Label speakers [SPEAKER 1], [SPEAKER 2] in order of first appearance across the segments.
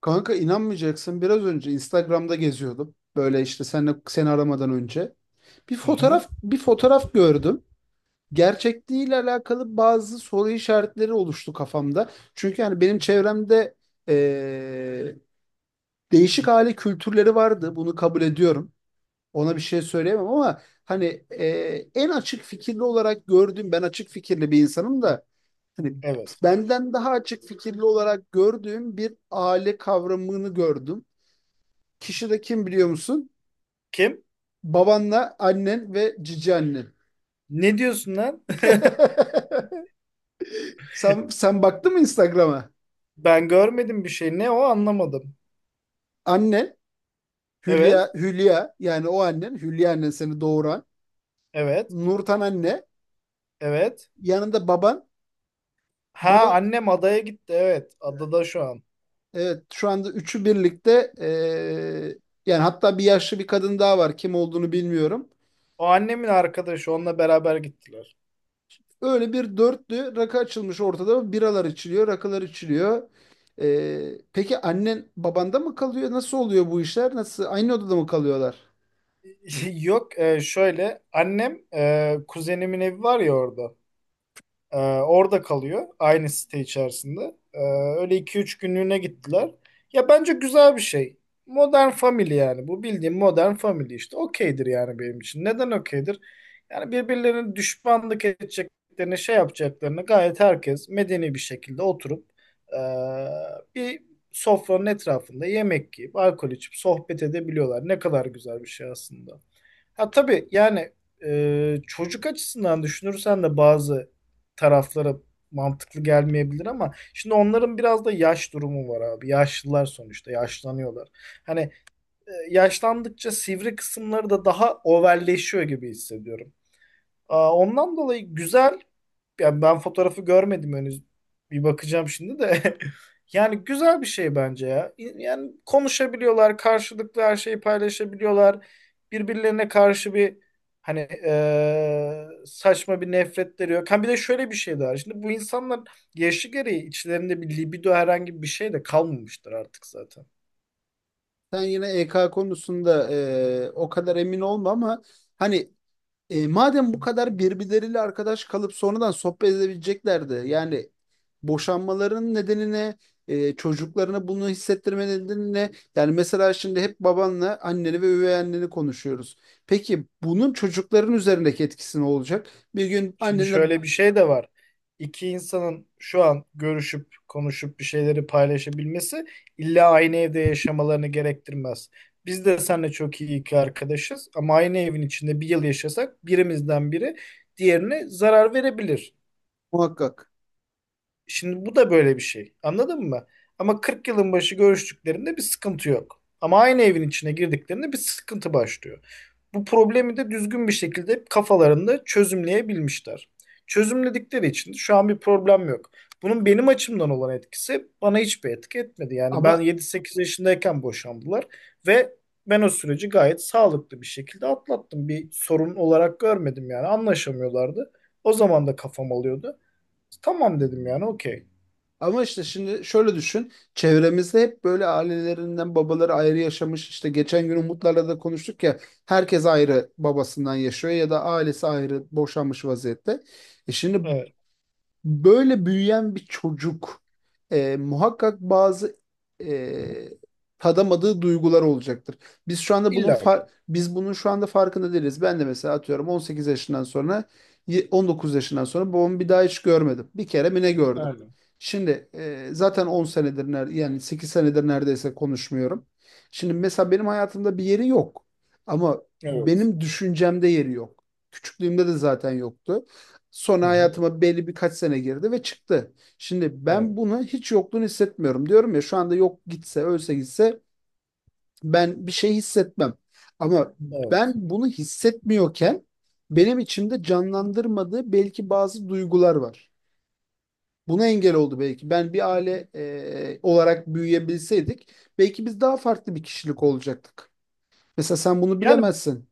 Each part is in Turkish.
[SPEAKER 1] Kanka inanmayacaksın biraz önce Instagram'da geziyordum. Böyle işte sen seni aramadan önce. Bir
[SPEAKER 2] Hı hı.
[SPEAKER 1] fotoğraf bir fotoğraf gördüm. Gerçekliğiyle alakalı bazı soru işaretleri oluştu kafamda. Çünkü yani benim çevremde eee, değişik aile kültürleri vardı. Bunu kabul ediyorum. Ona bir şey söyleyemem ama hani en açık fikirli olarak gördüğüm ben açık fikirli bir insanım da hani
[SPEAKER 2] Evet.
[SPEAKER 1] benden daha açık fikirli olarak gördüğüm bir aile kavramını gördüm. Kişi de kim biliyor musun?
[SPEAKER 2] Kim?
[SPEAKER 1] Babanla annen ve cici annen.
[SPEAKER 2] Ne diyorsun lan?
[SPEAKER 1] Sen baktın mı Instagram'a?
[SPEAKER 2] Ben görmedim bir şey. Ne o anlamadım.
[SPEAKER 1] Annen
[SPEAKER 2] Evet.
[SPEAKER 1] Hülya yani o annen Hülya annen seni doğuran
[SPEAKER 2] Evet.
[SPEAKER 1] Nurten anne
[SPEAKER 2] Evet.
[SPEAKER 1] yanında baban
[SPEAKER 2] Ha,
[SPEAKER 1] baban
[SPEAKER 2] annem adaya gitti. Evet. Adada şu an.
[SPEAKER 1] evet şu anda üçü birlikte yani hatta bir yaşlı bir kadın daha var kim olduğunu bilmiyorum.
[SPEAKER 2] O annemin arkadaşı. Onunla beraber gittiler.
[SPEAKER 1] Öyle bir dörtlü rakı açılmış ortada. Biralar içiliyor, rakılar içiliyor. Peki annen babanda mı kalıyor? Nasıl oluyor bu işler? Nasıl? Aynı odada mı kalıyorlar?
[SPEAKER 2] Yok e, Şöyle. Annem kuzenimin evi var ya orada. Orada kalıyor aynı site içerisinde. Ee, Öyle iki üç günlüğüne gittiler. Ya bence güzel bir şey. Modern Family yani. Bu bildiğim Modern Family işte. Okeydir yani benim için. Neden okeydir? Yani birbirlerine düşmanlık edeceklerini, şey yapacaklarını, gayet herkes medeni bir şekilde oturup ee, bir sofranın etrafında yemek yiyip, alkol içip sohbet edebiliyorlar. Ne kadar güzel bir şey aslında. Ha tabii yani, çocuk açısından düşünürsen de bazı taraflara mantıklı gelmeyebilir ama şimdi onların biraz da yaş durumu var abi. Yaşlılar sonuçta yaşlanıyorlar. Hani yaşlandıkça sivri kısımları da daha overleşiyor gibi hissediyorum. Aa, ondan dolayı güzel. Ya ben fotoğrafı görmedim henüz. Bir bakacağım şimdi de. Yani güzel bir şey bence ya. Yani konuşabiliyorlar, karşılıklı her şeyi paylaşabiliyorlar. Birbirlerine karşı bir saçma bir nefretleri yok. Ha, bir de şöyle bir şey daha. Şimdi bu insanlar yaşı gereği içlerinde bir libido, herhangi bir şey de kalmamıştır artık zaten.
[SPEAKER 1] Sen yine EK konusunda o kadar emin olma ama hani E, madem bu kadar birbirleriyle arkadaş kalıp sonradan sohbet edebileceklerdi. Yani boşanmaların nedenine, çocuklarına bunu hissettirme nedenine. Yani mesela şimdi hep babanla anneni ve üvey anneni konuşuyoruz. Peki bunun çocukların üzerindeki etkisi ne olacak? Bir gün
[SPEAKER 2] Şimdi
[SPEAKER 1] annene
[SPEAKER 2] şöyle bir şey de var. İki insanın şu an görüşüp konuşup bir şeyleri paylaşabilmesi illa aynı evde yaşamalarını gerektirmez. Biz de seninle çok iyi iki arkadaşız ama aynı evin içinde bir yıl yaşasak birimizden biri diğerine zarar verebilir.
[SPEAKER 1] muhakkak.
[SPEAKER 2] Şimdi bu da böyle bir şey. Anladın mı? Ama 40 yılın başı görüştüklerinde bir sıkıntı yok. Ama aynı evin içine girdiklerinde bir sıkıntı başlıyor. Bu problemi de düzgün bir şekilde kafalarında çözümleyebilmişler. Çözümledikleri için de şu an bir problem yok. Bunun benim açımdan olan etkisi, bana hiçbir etki etmedi. Yani ben
[SPEAKER 1] Ama
[SPEAKER 2] 7-8 yaşındayken boşandılar ve ben o süreci gayet sağlıklı bir şekilde atlattım. Bir sorun olarak görmedim, yani anlaşamıyorlardı. O zaman da kafam alıyordu. Tamam dedim yani, okey.
[SPEAKER 1] Ama işte şimdi şöyle düşün. Çevremizde hep böyle ailelerinden babaları ayrı yaşamış. İşte geçen gün Umutlarla da konuştuk ya. Herkes ayrı babasından yaşıyor ya da ailesi ayrı boşanmış vaziyette. E şimdi
[SPEAKER 2] Evet.
[SPEAKER 1] böyle büyüyen bir çocuk muhakkak bazı e, tadamadığı duygular olacaktır. Biz şu anda bunun
[SPEAKER 2] İlla ki.
[SPEAKER 1] biz bunun şu anda farkında değiliz. Ben de mesela atıyorum 18 yaşından sonra 19 yaşından sonra babamı bir daha hiç görmedim. Bir kere mi ne gördüm?
[SPEAKER 2] Yani.
[SPEAKER 1] Şimdi zaten 10 senedir yani 8 senedir neredeyse konuşmuyorum. Şimdi mesela benim hayatımda bir yeri yok. Ama
[SPEAKER 2] Evet.
[SPEAKER 1] benim düşüncemde yeri yok. Küçüklüğümde de zaten yoktu.
[SPEAKER 2] Hı
[SPEAKER 1] Sonra
[SPEAKER 2] hı.
[SPEAKER 1] hayatıma belli birkaç sene girdi ve çıktı. Şimdi ben
[SPEAKER 2] Evet.
[SPEAKER 1] bunu hiç yokluğunu hissetmiyorum. Diyorum ya şu anda yok gitse, ölse gitse ben bir şey hissetmem. Ama ben
[SPEAKER 2] Evet.
[SPEAKER 1] bunu hissetmiyorken benim içimde canlandırmadığı belki bazı duygular var. Buna engel oldu belki. Ben bir aile olarak büyüyebilseydik belki biz daha farklı bir kişilik olacaktık. Mesela sen bunu
[SPEAKER 2] Yani
[SPEAKER 1] bilemezsin.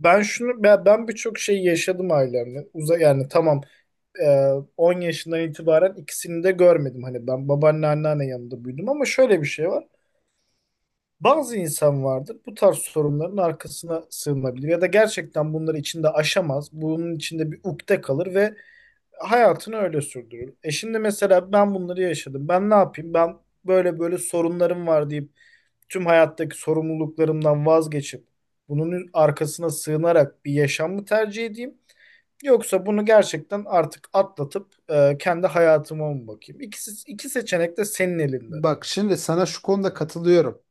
[SPEAKER 2] ben şunu ben, ben birçok şey yaşadım ailemle. Uza yani tamam e, 10 yaşından itibaren ikisini de görmedim. Hani ben babaanne anneanne yanında büyüdüm ama şöyle bir şey var. Bazı insan vardır, bu tarz sorunların arkasına sığınabilir ya da gerçekten bunları içinde aşamaz. Bunun içinde bir ukde kalır ve hayatını öyle sürdürür. E şimdi mesela ben bunları yaşadım. Ben ne yapayım? Ben böyle böyle sorunlarım var deyip tüm hayattaki sorumluluklarımdan vazgeçip bunun arkasına sığınarak bir yaşam mı tercih edeyim? Yoksa bunu gerçekten artık atlatıp kendi hayatıma mı bakayım? İki seçenek de senin elinde.
[SPEAKER 1] Bak şimdi sana şu konuda katılıyorum.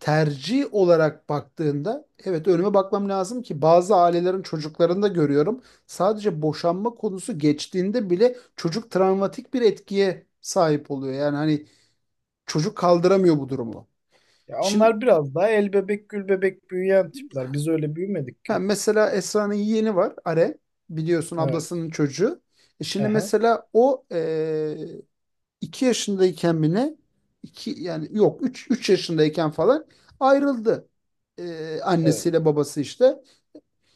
[SPEAKER 1] Tercih olarak baktığında evet önüme bakmam lazım ki bazı ailelerin çocuklarını da görüyorum. Sadece boşanma konusu geçtiğinde bile çocuk travmatik bir etkiye sahip oluyor. Yani hani çocuk kaldıramıyor bu durumu.
[SPEAKER 2] Ya
[SPEAKER 1] Şimdi
[SPEAKER 2] onlar biraz daha el bebek gül bebek büyüyen tipler. Biz öyle büyümedik
[SPEAKER 1] ha,
[SPEAKER 2] ki.
[SPEAKER 1] mesela Esra'nın yeğeni var Are biliyorsun
[SPEAKER 2] Evet.
[SPEAKER 1] ablasının çocuğu. E şimdi
[SPEAKER 2] Aha.
[SPEAKER 1] mesela o iki yaşındayken mi ne? İki, yani yok üç yaşındayken falan ayrıldı. E,
[SPEAKER 2] Evet.
[SPEAKER 1] annesiyle babası işte.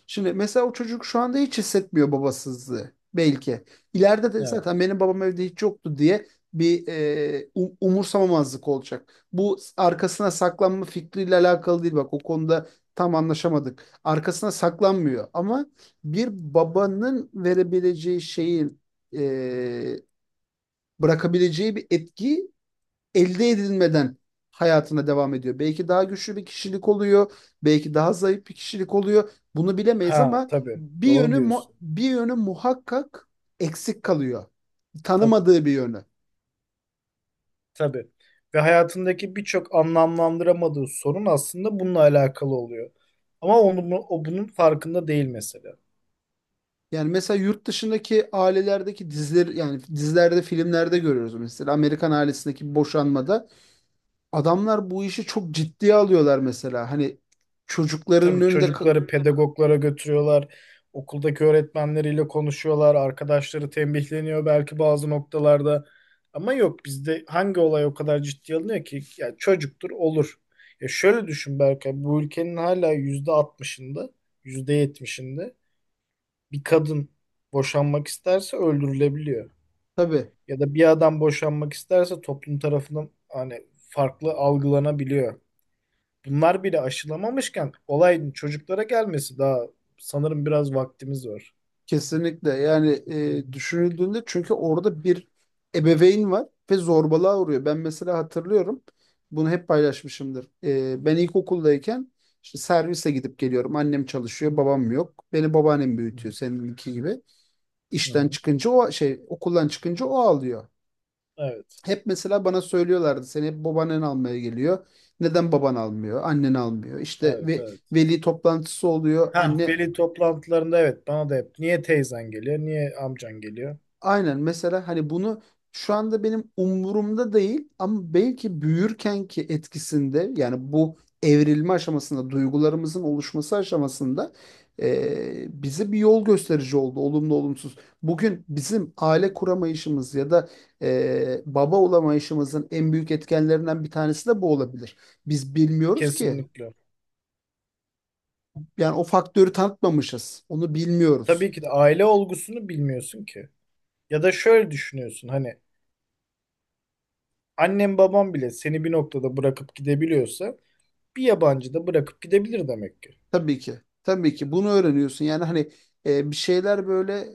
[SPEAKER 1] Şimdi mesela o çocuk şu anda hiç hissetmiyor babasızlığı belki. İleride de
[SPEAKER 2] Evet.
[SPEAKER 1] zaten benim babam evde hiç yoktu diye bir umursamamazlık olacak. Bu arkasına saklanma fikriyle alakalı değil bak o konuda tam anlaşamadık. Arkasına saklanmıyor ama bir babanın verebileceği şeyin e, bırakabileceği bir etki elde edilmeden hayatına devam ediyor. Belki daha güçlü bir kişilik oluyor, belki daha zayıf bir kişilik oluyor. Bunu bilemeyiz
[SPEAKER 2] Ha
[SPEAKER 1] ama
[SPEAKER 2] tabii. Doğru diyorsun.
[SPEAKER 1] bir yönü muhakkak eksik kalıyor.
[SPEAKER 2] Tabii.
[SPEAKER 1] Tanımadığı bir yönü.
[SPEAKER 2] Tabii. Ve hayatındaki birçok anlamlandıramadığı sorun aslında bununla alakalı oluyor. Ama o bunun farkında değil mesela.
[SPEAKER 1] Yani mesela yurt dışındaki ailelerdeki diziler yani dizilerde, filmlerde görüyoruz mesela Amerikan ailesindeki boşanmada adamlar bu işi çok ciddiye alıyorlar mesela. Hani çocukların
[SPEAKER 2] Tabii
[SPEAKER 1] önünde
[SPEAKER 2] çocukları pedagoglara götürüyorlar. Okuldaki öğretmenleriyle konuşuyorlar. Arkadaşları tembihleniyor belki bazı noktalarda. Ama yok, bizde hangi olay o kadar ciddiye alınıyor ki? Ya çocuktur olur. Ya şöyle düşün Berkay. Bu ülkenin hala %60'ında, %70'inde bir kadın boşanmak isterse öldürülebiliyor.
[SPEAKER 1] tabii.
[SPEAKER 2] Ya da bir adam boşanmak isterse toplum tarafından hani farklı algılanabiliyor. Bunlar bile aşılamamışken olayın çocuklara gelmesi daha, sanırım biraz vaktimiz var.
[SPEAKER 1] Kesinlikle yani düşünüldüğünde çünkü orada bir ebeveyn var ve zorbalığa uğruyor. Ben mesela hatırlıyorum bunu hep paylaşmışımdır. E, ben ilkokuldayken işte servise gidip geliyorum. Annem çalışıyor, babam yok. Beni babaannem
[SPEAKER 2] Hı hı.
[SPEAKER 1] büyütüyor seninki gibi.
[SPEAKER 2] Hı
[SPEAKER 1] İşten
[SPEAKER 2] hı.
[SPEAKER 1] çıkınca o şey okuldan çıkınca o ağlıyor.
[SPEAKER 2] Evet.
[SPEAKER 1] Hep mesela bana söylüyorlardı seni hep babaannen almaya geliyor. Neden baban almıyor, annen almıyor? İşte
[SPEAKER 2] Evet,
[SPEAKER 1] ve
[SPEAKER 2] evet.
[SPEAKER 1] veli toplantısı oluyor.
[SPEAKER 2] Ha,
[SPEAKER 1] Anne
[SPEAKER 2] veli toplantılarında evet, bana da hep niye teyzen geliyor, niye amcan geliyor?
[SPEAKER 1] aynen mesela hani bunu şu anda benim umurumda değil ama belki büyürkenki etkisinde yani bu evrilme aşamasında duygularımızın oluşması aşamasında bize bir yol gösterici oldu olumlu olumsuz. Bugün bizim aile kuramayışımız ya da baba olamayışımızın en büyük etkenlerinden bir tanesi de bu olabilir. Biz bilmiyoruz ki
[SPEAKER 2] Kesinlikle.
[SPEAKER 1] yani o faktörü tanıtmamışız onu bilmiyoruz.
[SPEAKER 2] Tabii ki de aile olgusunu bilmiyorsun ki. Ya da şöyle düşünüyorsun, hani annem babam bile seni bir noktada bırakıp gidebiliyorsa bir yabancı da bırakıp gidebilir demek ki.
[SPEAKER 1] Tabii ki. Tabii ki bunu öğreniyorsun. Yani hani bir şeyler böyle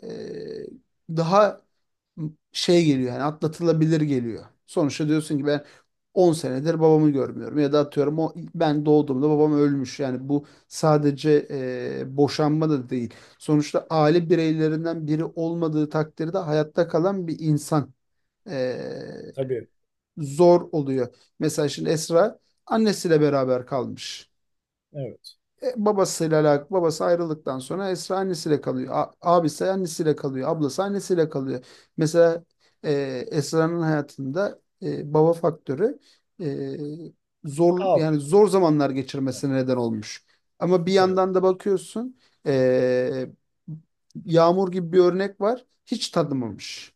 [SPEAKER 1] daha geliyor yani atlatılabilir geliyor. Sonuçta diyorsun ki ben 10 senedir babamı görmüyorum ya da atıyorum o ben doğduğumda babam ölmüş. Yani bu sadece boşanma da değil. Sonuçta aile bireylerinden biri olmadığı takdirde hayatta kalan bir insan e,
[SPEAKER 2] Tabii.
[SPEAKER 1] zor oluyor. Mesela şimdi Esra annesiyle beraber kalmış
[SPEAKER 2] Evet.
[SPEAKER 1] babasıyla alakalı. Babası ayrıldıktan sonra Esra annesiyle kalıyor. Abisi annesiyle kalıyor. Ablası annesiyle kalıyor. Mesela e, Esra'nın hayatında baba faktörü e, zor
[SPEAKER 2] Abi.
[SPEAKER 1] yani zor zamanlar
[SPEAKER 2] Yani.
[SPEAKER 1] geçirmesine neden olmuş. Ama bir
[SPEAKER 2] Evet.
[SPEAKER 1] yandan da bakıyorsun e, Yağmur gibi bir örnek var. Hiç tanımamış.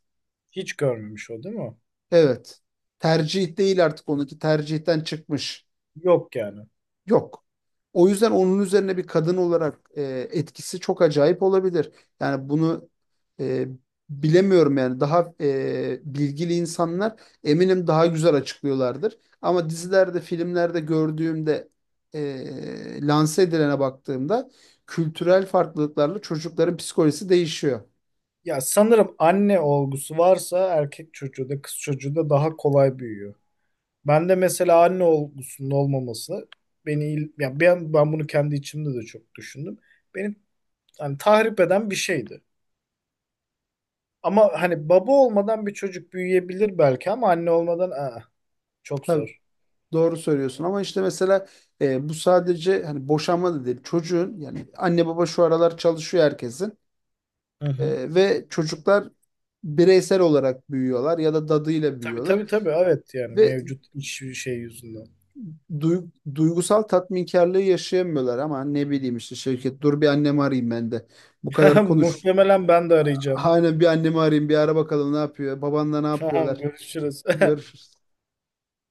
[SPEAKER 2] Hiç görmemiş, o değil mi?
[SPEAKER 1] Evet. Tercih değil artık onunki tercihten çıkmış.
[SPEAKER 2] Yok yani.
[SPEAKER 1] Yok. O yüzden onun üzerine bir kadın olarak etkisi çok acayip olabilir. Yani bunu e, bilemiyorum yani daha bilgili insanlar eminim daha güzel açıklıyorlardır. Ama dizilerde, filmlerde gördüğümde lanse edilene baktığımda kültürel farklılıklarla çocukların psikolojisi değişiyor.
[SPEAKER 2] Ya sanırım anne olgusu varsa erkek çocuğu da kız çocuğu da daha kolay büyüyor. Ben de mesela anne olgusunun olmaması beni ya ben bunu kendi içimde de çok düşündüm. Beni hani tahrip eden bir şeydi. Ama hani baba olmadan bir çocuk büyüyebilir belki ama anne olmadan aa, çok
[SPEAKER 1] Tabii
[SPEAKER 2] zor.
[SPEAKER 1] doğru söylüyorsun ama işte mesela bu sadece hani boşanma da değil çocuğun yani anne baba şu aralar çalışıyor herkesin.
[SPEAKER 2] Hı hı.
[SPEAKER 1] Ve çocuklar bireysel olarak büyüyorlar ya da dadıyla
[SPEAKER 2] Tabii
[SPEAKER 1] büyüyorlar
[SPEAKER 2] tabii tabii, evet, yani
[SPEAKER 1] ve
[SPEAKER 2] mevcut iş şey yüzünden.
[SPEAKER 1] duygusal tatminkarlığı yaşayamıyorlar ama ne bileyim işte Şevket dur bir annemi arayayım ben de. Bu kadar konuş.
[SPEAKER 2] Muhtemelen ben de arayacağım.
[SPEAKER 1] Hani bir annemi arayayım bir ara bakalım ne yapıyor. Babanla ne
[SPEAKER 2] Tamam
[SPEAKER 1] yapıyorlar.
[SPEAKER 2] görüşürüz.
[SPEAKER 1] Görüşürüz.